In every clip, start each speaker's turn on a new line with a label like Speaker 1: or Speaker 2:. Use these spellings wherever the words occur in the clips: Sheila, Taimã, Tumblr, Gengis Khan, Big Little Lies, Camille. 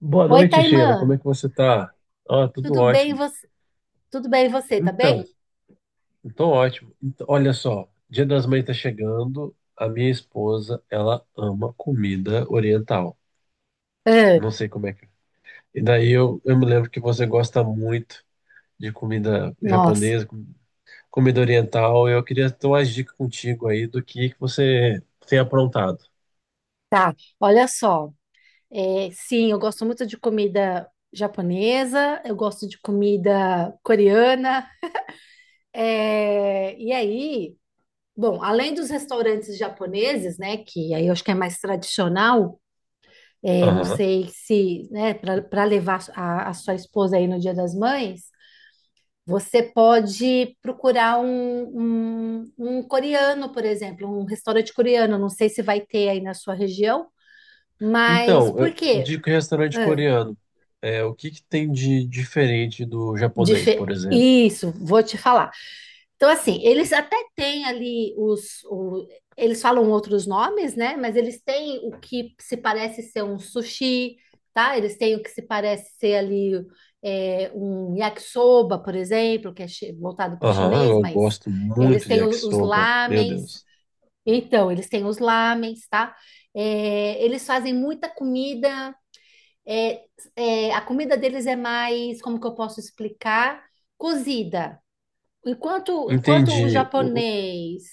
Speaker 1: Boa
Speaker 2: Oi,
Speaker 1: noite,
Speaker 2: Taimã,
Speaker 1: Sheila. Como é que você tá? Ah, tudo
Speaker 2: tudo bem
Speaker 1: ótimo.
Speaker 2: você? Tudo bem você, tá bem?
Speaker 1: Então, então ótimo. Então, olha só, Dia das Mães tá chegando. A minha esposa, ela ama comida oriental.
Speaker 2: Ah,
Speaker 1: Não sei como é que é. E daí eu me lembro que você gosta muito de comida
Speaker 2: nossa,
Speaker 1: japonesa, comida oriental. Eu queria ter umas dicas contigo aí do que você tem aprontado.
Speaker 2: tá. Olha só. É, sim, eu gosto muito de comida japonesa, eu gosto de comida coreana. E aí, bom, além dos restaurantes japoneses, né, que aí eu acho que é mais tradicional, não sei se, né, para levar a sua esposa aí no Dia das Mães, você pode procurar um coreano, por exemplo, um restaurante coreano. Não sei se vai ter aí na sua região, mas
Speaker 1: Então,
Speaker 2: por quê?
Speaker 1: de restaurante coreano, o que que tem de diferente do japonês, por exemplo?
Speaker 2: Isso, vou te falar. Então, assim, eles até têm ali. Eles falam outros nomes, né? Mas eles têm o que se parece ser um sushi, tá? Eles têm o que se parece ser ali um yakisoba, por exemplo, que é voltado para o
Speaker 1: Aham,
Speaker 2: chinês,
Speaker 1: eu
Speaker 2: mas
Speaker 1: gosto
Speaker 2: eles
Speaker 1: muito de
Speaker 2: têm os,
Speaker 1: yakisoba, meu
Speaker 2: lamens.
Speaker 1: Deus.
Speaker 2: Então, eles têm os lamens, tá? É, eles fazem muita comida é, a comida deles é mais, como que eu posso explicar? Cozida. Enquanto o
Speaker 1: Entendi.
Speaker 2: japonês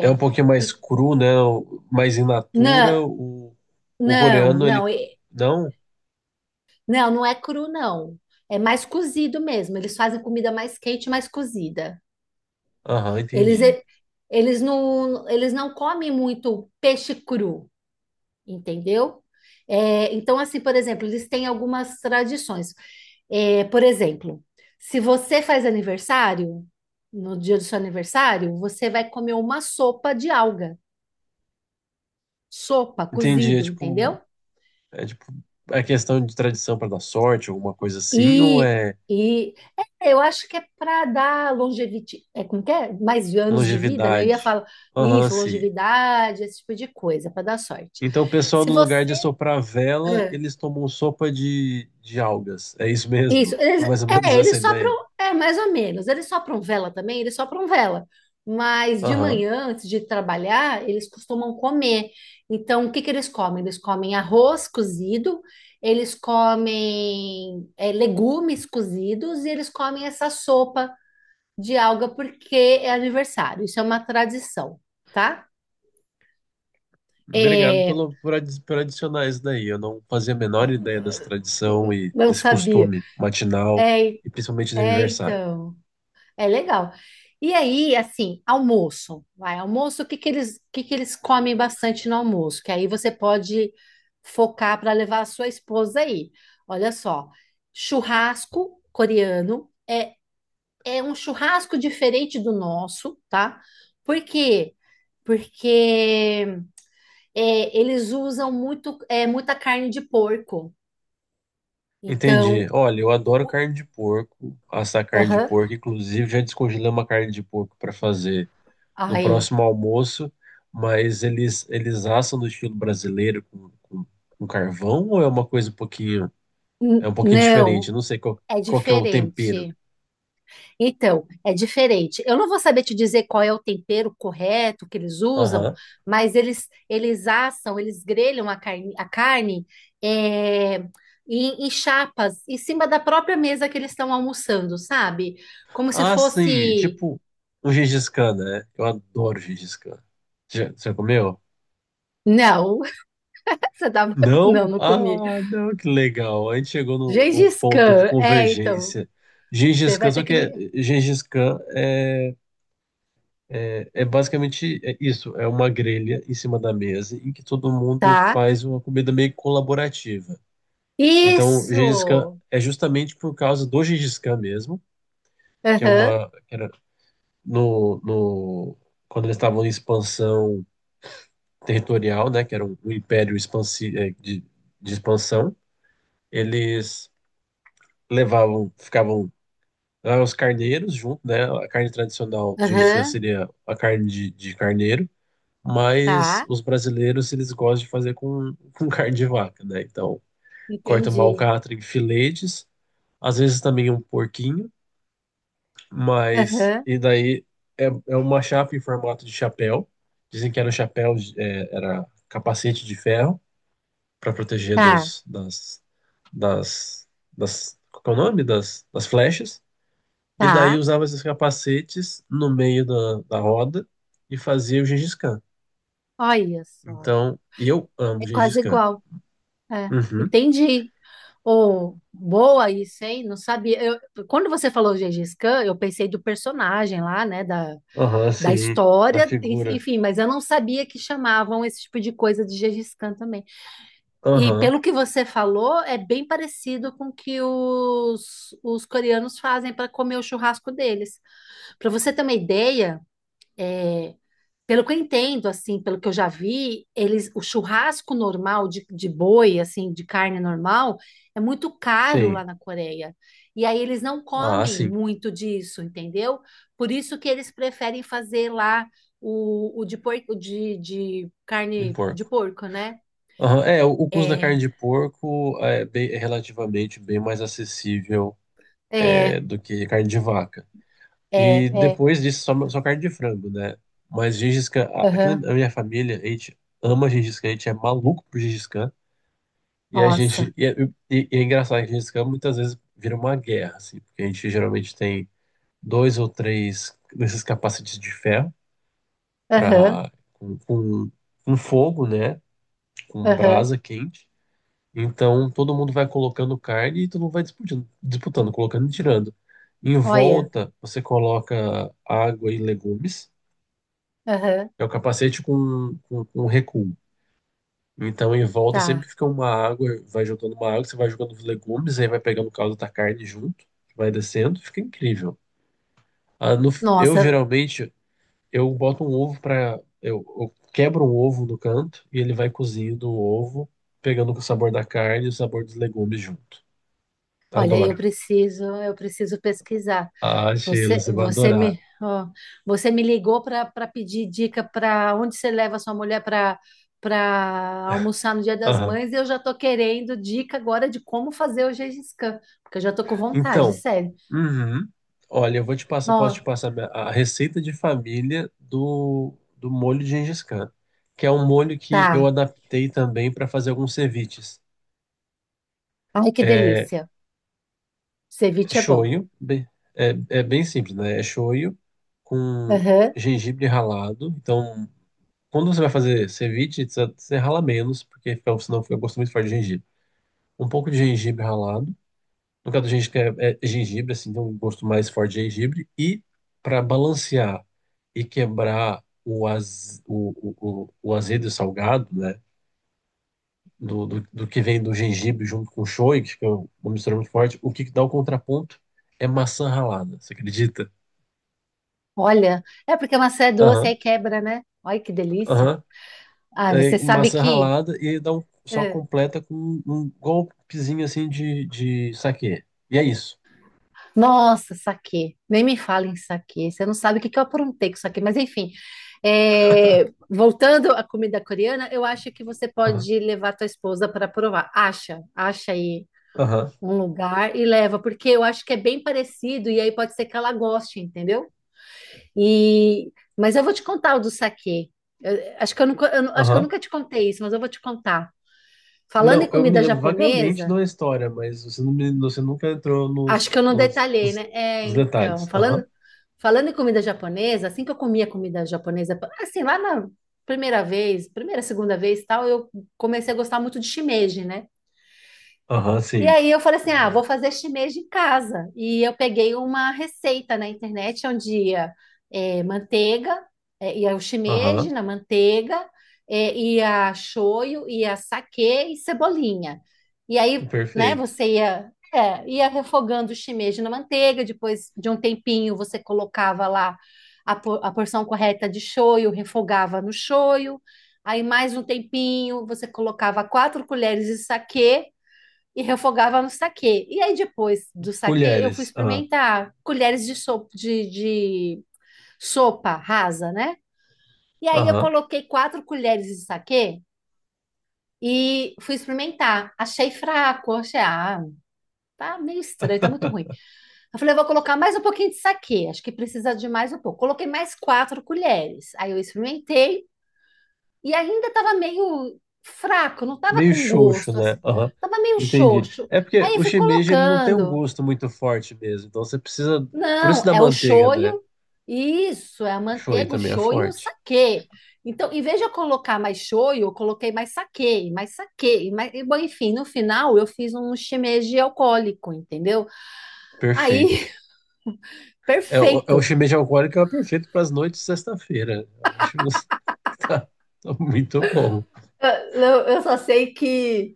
Speaker 1: É um pouquinho mais
Speaker 2: e-
Speaker 1: cru, né? Mais in natura.
Speaker 2: não,
Speaker 1: O
Speaker 2: não,
Speaker 1: coreano, ele.
Speaker 2: não,
Speaker 1: Não?
Speaker 2: não, não é cru, não. É mais cozido mesmo. Eles fazem comida mais quente, mais cozida.
Speaker 1: Aham,
Speaker 2: Eles,
Speaker 1: entendi.
Speaker 2: e- eles não comem muito peixe cru. Entendeu? É, então, assim, por exemplo, eles têm algumas tradições. É, por exemplo, se você faz aniversário, no dia do seu aniversário, você vai comer uma sopa de alga, sopa,
Speaker 1: Entendi. É
Speaker 2: cozido,
Speaker 1: tipo,
Speaker 2: entendeu?
Speaker 1: é tipo, é questão de tradição para dar sorte, alguma coisa assim, ou
Speaker 2: E,
Speaker 1: é
Speaker 2: e é, eu acho que é para dar longevidade, é como que é? Mais anos de vida, né? Eu ia
Speaker 1: longevidade?
Speaker 2: falar
Speaker 1: Aham,
Speaker 2: isso,
Speaker 1: sim.
Speaker 2: longevidade, esse tipo de coisa, para dar sorte.
Speaker 1: Então, o pessoal,
Speaker 2: Se
Speaker 1: no lugar
Speaker 2: você
Speaker 1: de soprar vela,
Speaker 2: é,
Speaker 1: eles tomam sopa de algas. É isso
Speaker 2: Isso,
Speaker 1: mesmo? É
Speaker 2: eles,
Speaker 1: mais ou menos
Speaker 2: é,
Speaker 1: essa a
Speaker 2: eles sopram,
Speaker 1: ideia.
Speaker 2: mais ou menos, eles sopram vela também, eles sopram vela, mas de
Speaker 1: Aham.
Speaker 2: manhã, antes de trabalhar, eles costumam comer, então o que que eles comem? Eles comem arroz cozido, eles comem legumes cozidos e eles comem essa sopa de alga porque é aniversário, isso é uma tradição, tá?
Speaker 1: Obrigado
Speaker 2: É,
Speaker 1: por adicionar isso daí. Eu não fazia a menor ideia dessa tradição e
Speaker 2: não
Speaker 1: desse
Speaker 2: sabia,
Speaker 1: costume matinal,
Speaker 2: é,
Speaker 1: e principalmente de aniversário.
Speaker 2: então. É legal. E aí, assim, almoço. Vai, almoço, o que que eles comem bastante no almoço? Que aí você pode focar para levar a sua esposa aí. Olha só, churrasco coreano é um churrasco diferente do nosso, tá? Por quê? Porque eles usam muita carne de porco.
Speaker 1: Entendi.
Speaker 2: Então,
Speaker 1: Olha, eu adoro carne de porco, assar carne de
Speaker 2: aham,
Speaker 1: porco. Inclusive, já descongelei uma carne de porco para fazer no
Speaker 2: ai,
Speaker 1: próximo almoço, mas eles assam no estilo brasileiro com carvão ou é uma coisa um pouquinho, é um pouquinho diferente?
Speaker 2: não,
Speaker 1: Eu não sei qual,
Speaker 2: é
Speaker 1: qual que é o tempero.
Speaker 2: diferente. Então, é diferente. Eu não vou saber te dizer qual é o tempero correto que eles usam,
Speaker 1: Aham.
Speaker 2: mas eles assam, eles grelham a carne, é, em chapas, em cima da própria mesa que eles estão almoçando, sabe? Como se
Speaker 1: Ah, sim,
Speaker 2: fosse.
Speaker 1: tipo um Gengis Khan, né? Eu adoro Gengis Khan. Já, você comeu?
Speaker 2: Não, você tá. Não,
Speaker 1: Não?
Speaker 2: não comi.
Speaker 1: Ah, não, que legal. A gente chegou num
Speaker 2: Gengis
Speaker 1: ponto de
Speaker 2: Khan. É, então,
Speaker 1: convergência.
Speaker 2: você
Speaker 1: Gengis Khan,
Speaker 2: vai ter
Speaker 1: só que
Speaker 2: que.
Speaker 1: é, Gengis Khan é basicamente é isso, é uma grelha em cima da mesa em que todo mundo
Speaker 2: Tá.
Speaker 1: faz uma comida meio colaborativa. Então, Gengis Khan
Speaker 2: Isso!
Speaker 1: é justamente por causa do Gengis Khan mesmo, que é
Speaker 2: Aham,
Speaker 1: uma que era no, no quando eles estavam em expansão territorial, né, que era um império de expansão, eles levavam, ficavam lá os carneiros junto, né? A carne tradicional do Gengis Khan
Speaker 2: aham,
Speaker 1: seria a carne de carneiro, mas
Speaker 2: tá.
Speaker 1: os brasileiros eles gostam de fazer com carne de vaca, né? Então, corta uma
Speaker 2: Entendi.
Speaker 1: alcatra em filetes, às vezes também um porquinho, mas
Speaker 2: Aham,
Speaker 1: e daí é uma chapa em formato de chapéu. Dizem que era um chapéu, era capacete de ferro para proteger
Speaker 2: tá,
Speaker 1: dos das das das qual que é o nome das flechas. E daí
Speaker 2: tá.
Speaker 1: usava esses capacetes no meio da roda e fazia o Gengis Khan.
Speaker 2: Olha só,
Speaker 1: Então, e eu amo
Speaker 2: é
Speaker 1: Gengis
Speaker 2: quase
Speaker 1: Khan.
Speaker 2: igual. É,
Speaker 1: Uhum.
Speaker 2: entendi. Oh, boa isso, hein? Não sabia. Quando você falou Gengis Khan, eu pensei do personagem lá, né? Da,
Speaker 1: Aham,
Speaker 2: da
Speaker 1: sim. Da
Speaker 2: história, en-
Speaker 1: figura.
Speaker 2: enfim, mas eu não sabia que chamavam esse tipo de coisa de Gengis Khan também. E
Speaker 1: Aham,
Speaker 2: pelo que você falou, é bem parecido com o que os coreanos fazem para comer o churrasco deles. Para você ter uma ideia. Pelo que eu entendo, assim, pelo que eu já vi, o churrasco normal de boi, assim, de carne normal, é muito caro lá
Speaker 1: sim.
Speaker 2: na Coreia. E aí eles não
Speaker 1: Ah,
Speaker 2: comem
Speaker 1: sim.
Speaker 2: muito disso, entendeu? Por isso que eles preferem fazer lá o de porco, de
Speaker 1: Em
Speaker 2: carne de
Speaker 1: porco.
Speaker 2: porco, né?
Speaker 1: Aham. O custo da
Speaker 2: É,
Speaker 1: carne de porco é relativamente bem mais acessível
Speaker 2: é,
Speaker 1: do que carne de vaca.
Speaker 2: é,
Speaker 1: E
Speaker 2: é.
Speaker 1: depois disso, só carne de frango, né? Mas Gengis Khan, aqui
Speaker 2: Aham.
Speaker 1: na minha família, a gente ama Gengis Khan, a gente é maluco por Gengis Khan. E a gente.
Speaker 2: Nossa.
Speaker 1: E é engraçado que esse campo muitas vezes vira uma guerra, assim, porque a gente geralmente tem dois ou três desses capacetes de ferro
Speaker 2: Aham,
Speaker 1: pra, com, com, com fogo, né? Com
Speaker 2: aham.
Speaker 1: brasa quente. Então todo mundo vai colocando carne e todo mundo vai disputando, disputando, colocando e tirando. Em
Speaker 2: Olha.
Speaker 1: volta, você coloca água e legumes.
Speaker 2: Aham.
Speaker 1: É o capacete com recuo. Então, em volta
Speaker 2: Tá.
Speaker 1: sempre fica uma água, vai jogando uma água, você vai jogando os legumes, aí vai pegando o caldo da carne junto, vai descendo, fica incrível. Ah, eu
Speaker 2: Nossa.
Speaker 1: geralmente eu boto um ovo para eu quebro um ovo no canto e ele vai cozindo o ovo, pegando o sabor da carne e o sabor dos legumes junto.
Speaker 2: Olha, eu
Speaker 1: Adoro.
Speaker 2: preciso, eu preciso pesquisar.
Speaker 1: Ah, Sheila,
Speaker 2: Você,
Speaker 1: você vai
Speaker 2: você me,
Speaker 1: adorar.
Speaker 2: ó, você me ligou para pedir dica para onde você leva sua mulher para almoçar no Dia das
Speaker 1: Aham.
Speaker 2: Mães e eu já tô querendo dica agora de como fazer o Gengis Khan, porque eu já tô com vontade,
Speaker 1: Então,
Speaker 2: sério.
Speaker 1: uhum. Olha, eu vou te passar,
Speaker 2: Ó,
Speaker 1: posso te passar a receita de família do molho de Gengis Khan, que é um molho que eu
Speaker 2: tá.
Speaker 1: adaptei também para fazer alguns ceviches.
Speaker 2: Ai, que
Speaker 1: É
Speaker 2: delícia. Ceviche é bom.
Speaker 1: shoyu, é, é bem simples, né? É shoyu com
Speaker 2: Aham.
Speaker 1: gengibre ralado. Então, quando você vai fazer ceviche, você rala menos, porque senão fica gosto muito forte de gengibre. Um pouco de gengibre ralado. No caso do gengibre, é gengibre, assim, tem um gosto mais forte de gengibre. E para balancear e quebrar o, az, o azedo e salgado, né? Do que vem do gengibre junto com o shoyu, que é uma mistura muito forte, o que dá o contraponto é maçã ralada, você acredita?
Speaker 2: Olha, é porque a maçã é doce, aí
Speaker 1: Aham,
Speaker 2: quebra, né? Olha que delícia.
Speaker 1: aham.
Speaker 2: Ah,
Speaker 1: É
Speaker 2: você sabe
Speaker 1: maçã
Speaker 2: que.
Speaker 1: ralada e dá um, só completa com um golpezinho assim de saquê. E é isso.
Speaker 2: Nossa, saquê. Nem me fala em saquê. Você não sabe o que que eu aprontei com saquê. Mas, enfim, voltando à comida coreana, eu acho que você
Speaker 1: Aham,
Speaker 2: pode levar tua esposa para provar. Acha, acha aí
Speaker 1: aham,
Speaker 2: um lugar e leva, porque eu acho que é bem parecido e aí pode ser que ela goste, entendeu? E, mas eu vou te contar o do saquê. Acho que eu
Speaker 1: aham.
Speaker 2: nunca te contei isso, mas eu vou te contar. Falando em
Speaker 1: Não, eu me
Speaker 2: comida
Speaker 1: lembro vagamente de
Speaker 2: japonesa,
Speaker 1: uma história, mas você, não me- você nunca entrou
Speaker 2: acho que
Speaker 1: nos,
Speaker 2: eu não
Speaker 1: nos,
Speaker 2: detalhei, né?
Speaker 1: nos,
Speaker 2: É,
Speaker 1: nos
Speaker 2: então,
Speaker 1: detalhes. Aham,
Speaker 2: falando em comida japonesa, assim que eu comia comida japonesa, assim, lá na primeira vez, primeira, segunda vez, e tal, eu comecei a gostar muito de shimeji, né?
Speaker 1: aham,
Speaker 2: E
Speaker 1: sim.
Speaker 2: aí eu falei assim, ah, vou
Speaker 1: Louro.
Speaker 2: fazer chinês de casa. E eu peguei uma receita na internet onde ia manteiga, ia o shimeji
Speaker 1: Aham,
Speaker 2: na manteiga, ia shoyu, ia saquê e cebolinha. E aí, né,
Speaker 1: perfeito.
Speaker 2: você ia refogando o shimeji na manteiga, depois de um tempinho você colocava lá a porção correta de shoyu, refogava no shoyu, aí mais um tempinho você colocava quatro colheres de saquê, e refogava no saquê. E aí, depois do saquê, eu fui
Speaker 1: Colheres, aham,
Speaker 2: experimentar colheres de sopa rasa, né? E aí, eu
Speaker 1: aham.
Speaker 2: coloquei quatro colheres de saquê e fui experimentar. Achei fraco, achei, ah, tá meio estranho, tá muito ruim. Eu falei, eu vou colocar mais um pouquinho de saquê, acho que precisa de mais um pouco. Coloquei mais quatro colheres. Aí, eu experimentei e ainda tava meio fraco, não tava
Speaker 1: Meio
Speaker 2: com
Speaker 1: xoxo,
Speaker 2: gosto,
Speaker 1: né?
Speaker 2: assim.
Speaker 1: Aham,
Speaker 2: Tava meio
Speaker 1: entendi.
Speaker 2: xoxo.
Speaker 1: É porque
Speaker 2: Aí, eu
Speaker 1: o
Speaker 2: fui
Speaker 1: shimeji, ele não tem um
Speaker 2: colocando.
Speaker 1: gosto muito forte mesmo, então você precisa... Por isso
Speaker 2: Não,
Speaker 1: da
Speaker 2: é o
Speaker 1: manteiga, né?
Speaker 2: shoyu, isso, é a
Speaker 1: Shoyu
Speaker 2: manteiga, o
Speaker 1: também é
Speaker 2: shoyu e o
Speaker 1: forte.
Speaker 2: saquê. Então, em vez de eu colocar mais shoyu, eu coloquei mais saquê, e mais saquê, e mais, e, bom, enfim, no final eu fiz um shimeji alcoólico, entendeu? Aí,
Speaker 1: Perfeito. É o
Speaker 2: perfeito.
Speaker 1: shimeji alcoólico é o perfeito para as noites de sexta-feira. Eu acho que tá muito bom.
Speaker 2: Eu, eu só sei que,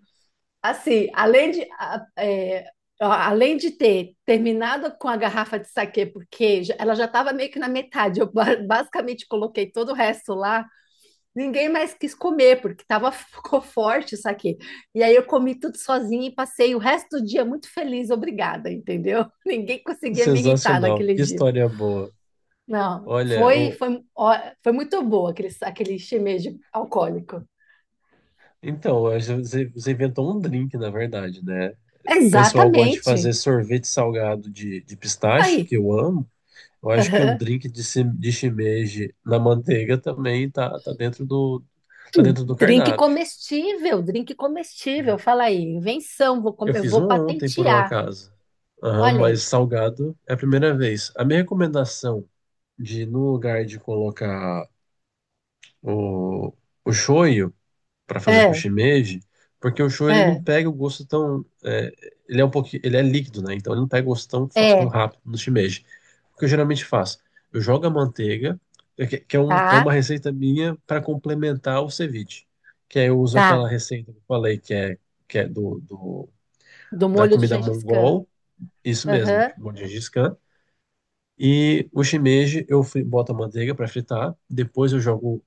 Speaker 2: assim, além de ter terminado com a garrafa de saquê, porque ela já estava meio que na metade, eu basicamente coloquei todo o resto lá. Ninguém mais quis comer, porque ficou forte isso aqui. E aí eu comi tudo sozinha e passei o resto do dia muito feliz, obrigada, entendeu? Ninguém conseguia me irritar
Speaker 1: Sensacional.
Speaker 2: naquele
Speaker 1: Que
Speaker 2: dia.
Speaker 1: história boa.
Speaker 2: Não,
Speaker 1: Olha,
Speaker 2: foi, foi, ó, foi muito boa aquele shimeji alcoólico.
Speaker 1: então, você inventou um drink, na verdade, né? O pessoal gosta de
Speaker 2: Exatamente.
Speaker 1: fazer sorvete salgado de pistache,
Speaker 2: Aí,
Speaker 1: que eu amo. Eu acho que um
Speaker 2: aham.
Speaker 1: drink de shimeji na manteiga também tá dentro do cardápio.
Speaker 2: Drink comestível, fala aí, invenção,
Speaker 1: Eu
Speaker 2: eu
Speaker 1: fiz um
Speaker 2: vou
Speaker 1: ontem, por um
Speaker 2: patentear.
Speaker 1: acaso. Aham,
Speaker 2: Olha
Speaker 1: mas
Speaker 2: aí.
Speaker 1: salgado é a primeira vez. A minha recomendação de, no lugar de colocar o, o shoyu, para fazer com o
Speaker 2: É,
Speaker 1: shimeji, porque o show ele não
Speaker 2: é,
Speaker 1: pega o gosto tão, ele é um pouquinho, ele é líquido, né? Então ele não pega o gosto tão
Speaker 2: é,
Speaker 1: rápido do shimeji. O que eu geralmente faço, eu jogo a manteiga, é
Speaker 2: tá,
Speaker 1: uma receita minha para complementar o ceviche, que aí eu uso
Speaker 2: tá.
Speaker 1: aquela receita que eu falei que é do, do
Speaker 2: Do
Speaker 1: da
Speaker 2: molho do
Speaker 1: comida
Speaker 2: Gengis Khan.
Speaker 1: mongol, isso mesmo,
Speaker 2: Aham.
Speaker 1: tipo, de Gengis Khan. E o shimeji boto a manteiga para fritar, depois eu jogo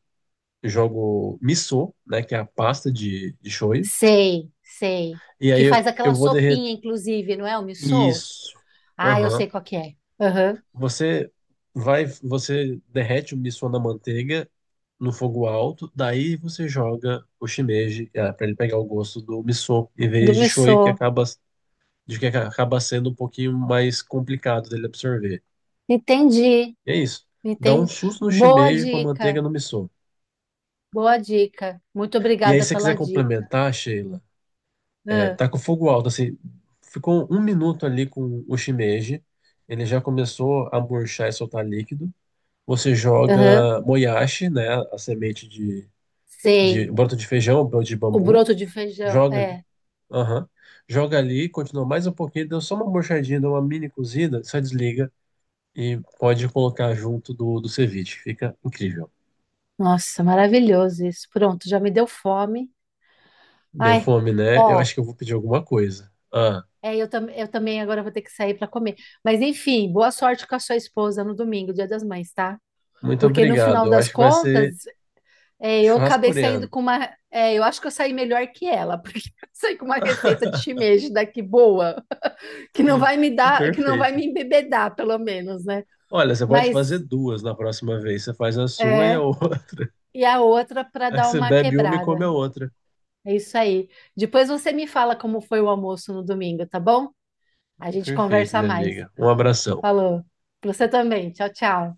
Speaker 1: jogo miso, né, que é a pasta de shoyu.
Speaker 2: Sei, sei.
Speaker 1: E
Speaker 2: Que
Speaker 1: aí
Speaker 2: faz
Speaker 1: eu,
Speaker 2: aquela
Speaker 1: eu vou derreter.
Speaker 2: sopinha, inclusive, não é o missô?
Speaker 1: Isso.
Speaker 2: Ah, eu sei
Speaker 1: Aham.
Speaker 2: qual que é. Aham,
Speaker 1: Você você derrete o miso na manteiga no fogo alto, daí você joga o shimeji para ele pegar o gosto do miso em
Speaker 2: do
Speaker 1: vez de
Speaker 2: missô.
Speaker 1: shoyu que acaba sendo um pouquinho mais complicado dele absorver.
Speaker 2: Entendi,
Speaker 1: E é isso. Dá um
Speaker 2: entendi.
Speaker 1: susto no
Speaker 2: Boa
Speaker 1: shimeji com a manteiga
Speaker 2: dica,
Speaker 1: no miso.
Speaker 2: boa dica. Muito
Speaker 1: E aí
Speaker 2: obrigada
Speaker 1: se você
Speaker 2: pela
Speaker 1: quiser
Speaker 2: dica.
Speaker 1: complementar, Sheila,
Speaker 2: Ah,
Speaker 1: tá com fogo alto, assim. Ficou um minuto ali com o shimeji. Ele já começou a murchar e soltar líquido. Você
Speaker 2: aham,
Speaker 1: joga moyashi, né? A semente de
Speaker 2: sei.
Speaker 1: broto de feijão, broto de
Speaker 2: O
Speaker 1: bambu.
Speaker 2: broto de feijão,
Speaker 1: Joga ali.
Speaker 2: é.
Speaker 1: Aham. Joga ali, continua mais um pouquinho. Deu só uma murchadinha, deu uma mini cozida. Só desliga e pode colocar junto do ceviche. Fica incrível.
Speaker 2: Nossa, maravilhoso isso. Pronto, já me deu fome.
Speaker 1: Deu
Speaker 2: Ai,
Speaker 1: fome, né? Eu
Speaker 2: ó,
Speaker 1: acho que eu vou pedir alguma coisa. Ah,
Speaker 2: eu também agora vou ter que sair para comer. Mas enfim, boa sorte com a sua esposa no domingo, Dia das Mães, tá?
Speaker 1: muito
Speaker 2: Porque no
Speaker 1: obrigado.
Speaker 2: final
Speaker 1: Eu
Speaker 2: das
Speaker 1: acho que vai
Speaker 2: contas,
Speaker 1: ser
Speaker 2: Eu
Speaker 1: churrasco
Speaker 2: acabei saindo
Speaker 1: coreano.
Speaker 2: com uma. Eu acho que eu saí melhor que ela, porque eu saí com uma receita de shimeji daqui boa, que não vai me dar, que não vai
Speaker 1: Perfeito.
Speaker 2: me embebedar, pelo menos, né?
Speaker 1: Olha, você pode
Speaker 2: Mas
Speaker 1: fazer duas na próxima vez. Você faz a sua e a
Speaker 2: é,
Speaker 1: outra.
Speaker 2: e a outra para
Speaker 1: Aí
Speaker 2: dar
Speaker 1: você
Speaker 2: uma
Speaker 1: bebe uma e come
Speaker 2: quebrada.
Speaker 1: a outra.
Speaker 2: É isso aí. Depois você me fala como foi o almoço no domingo, tá bom? A gente
Speaker 1: Perfeito,
Speaker 2: conversa
Speaker 1: minha
Speaker 2: mais.
Speaker 1: amiga. Um abração.
Speaker 2: Falou. Pra você também. Tchau, tchau.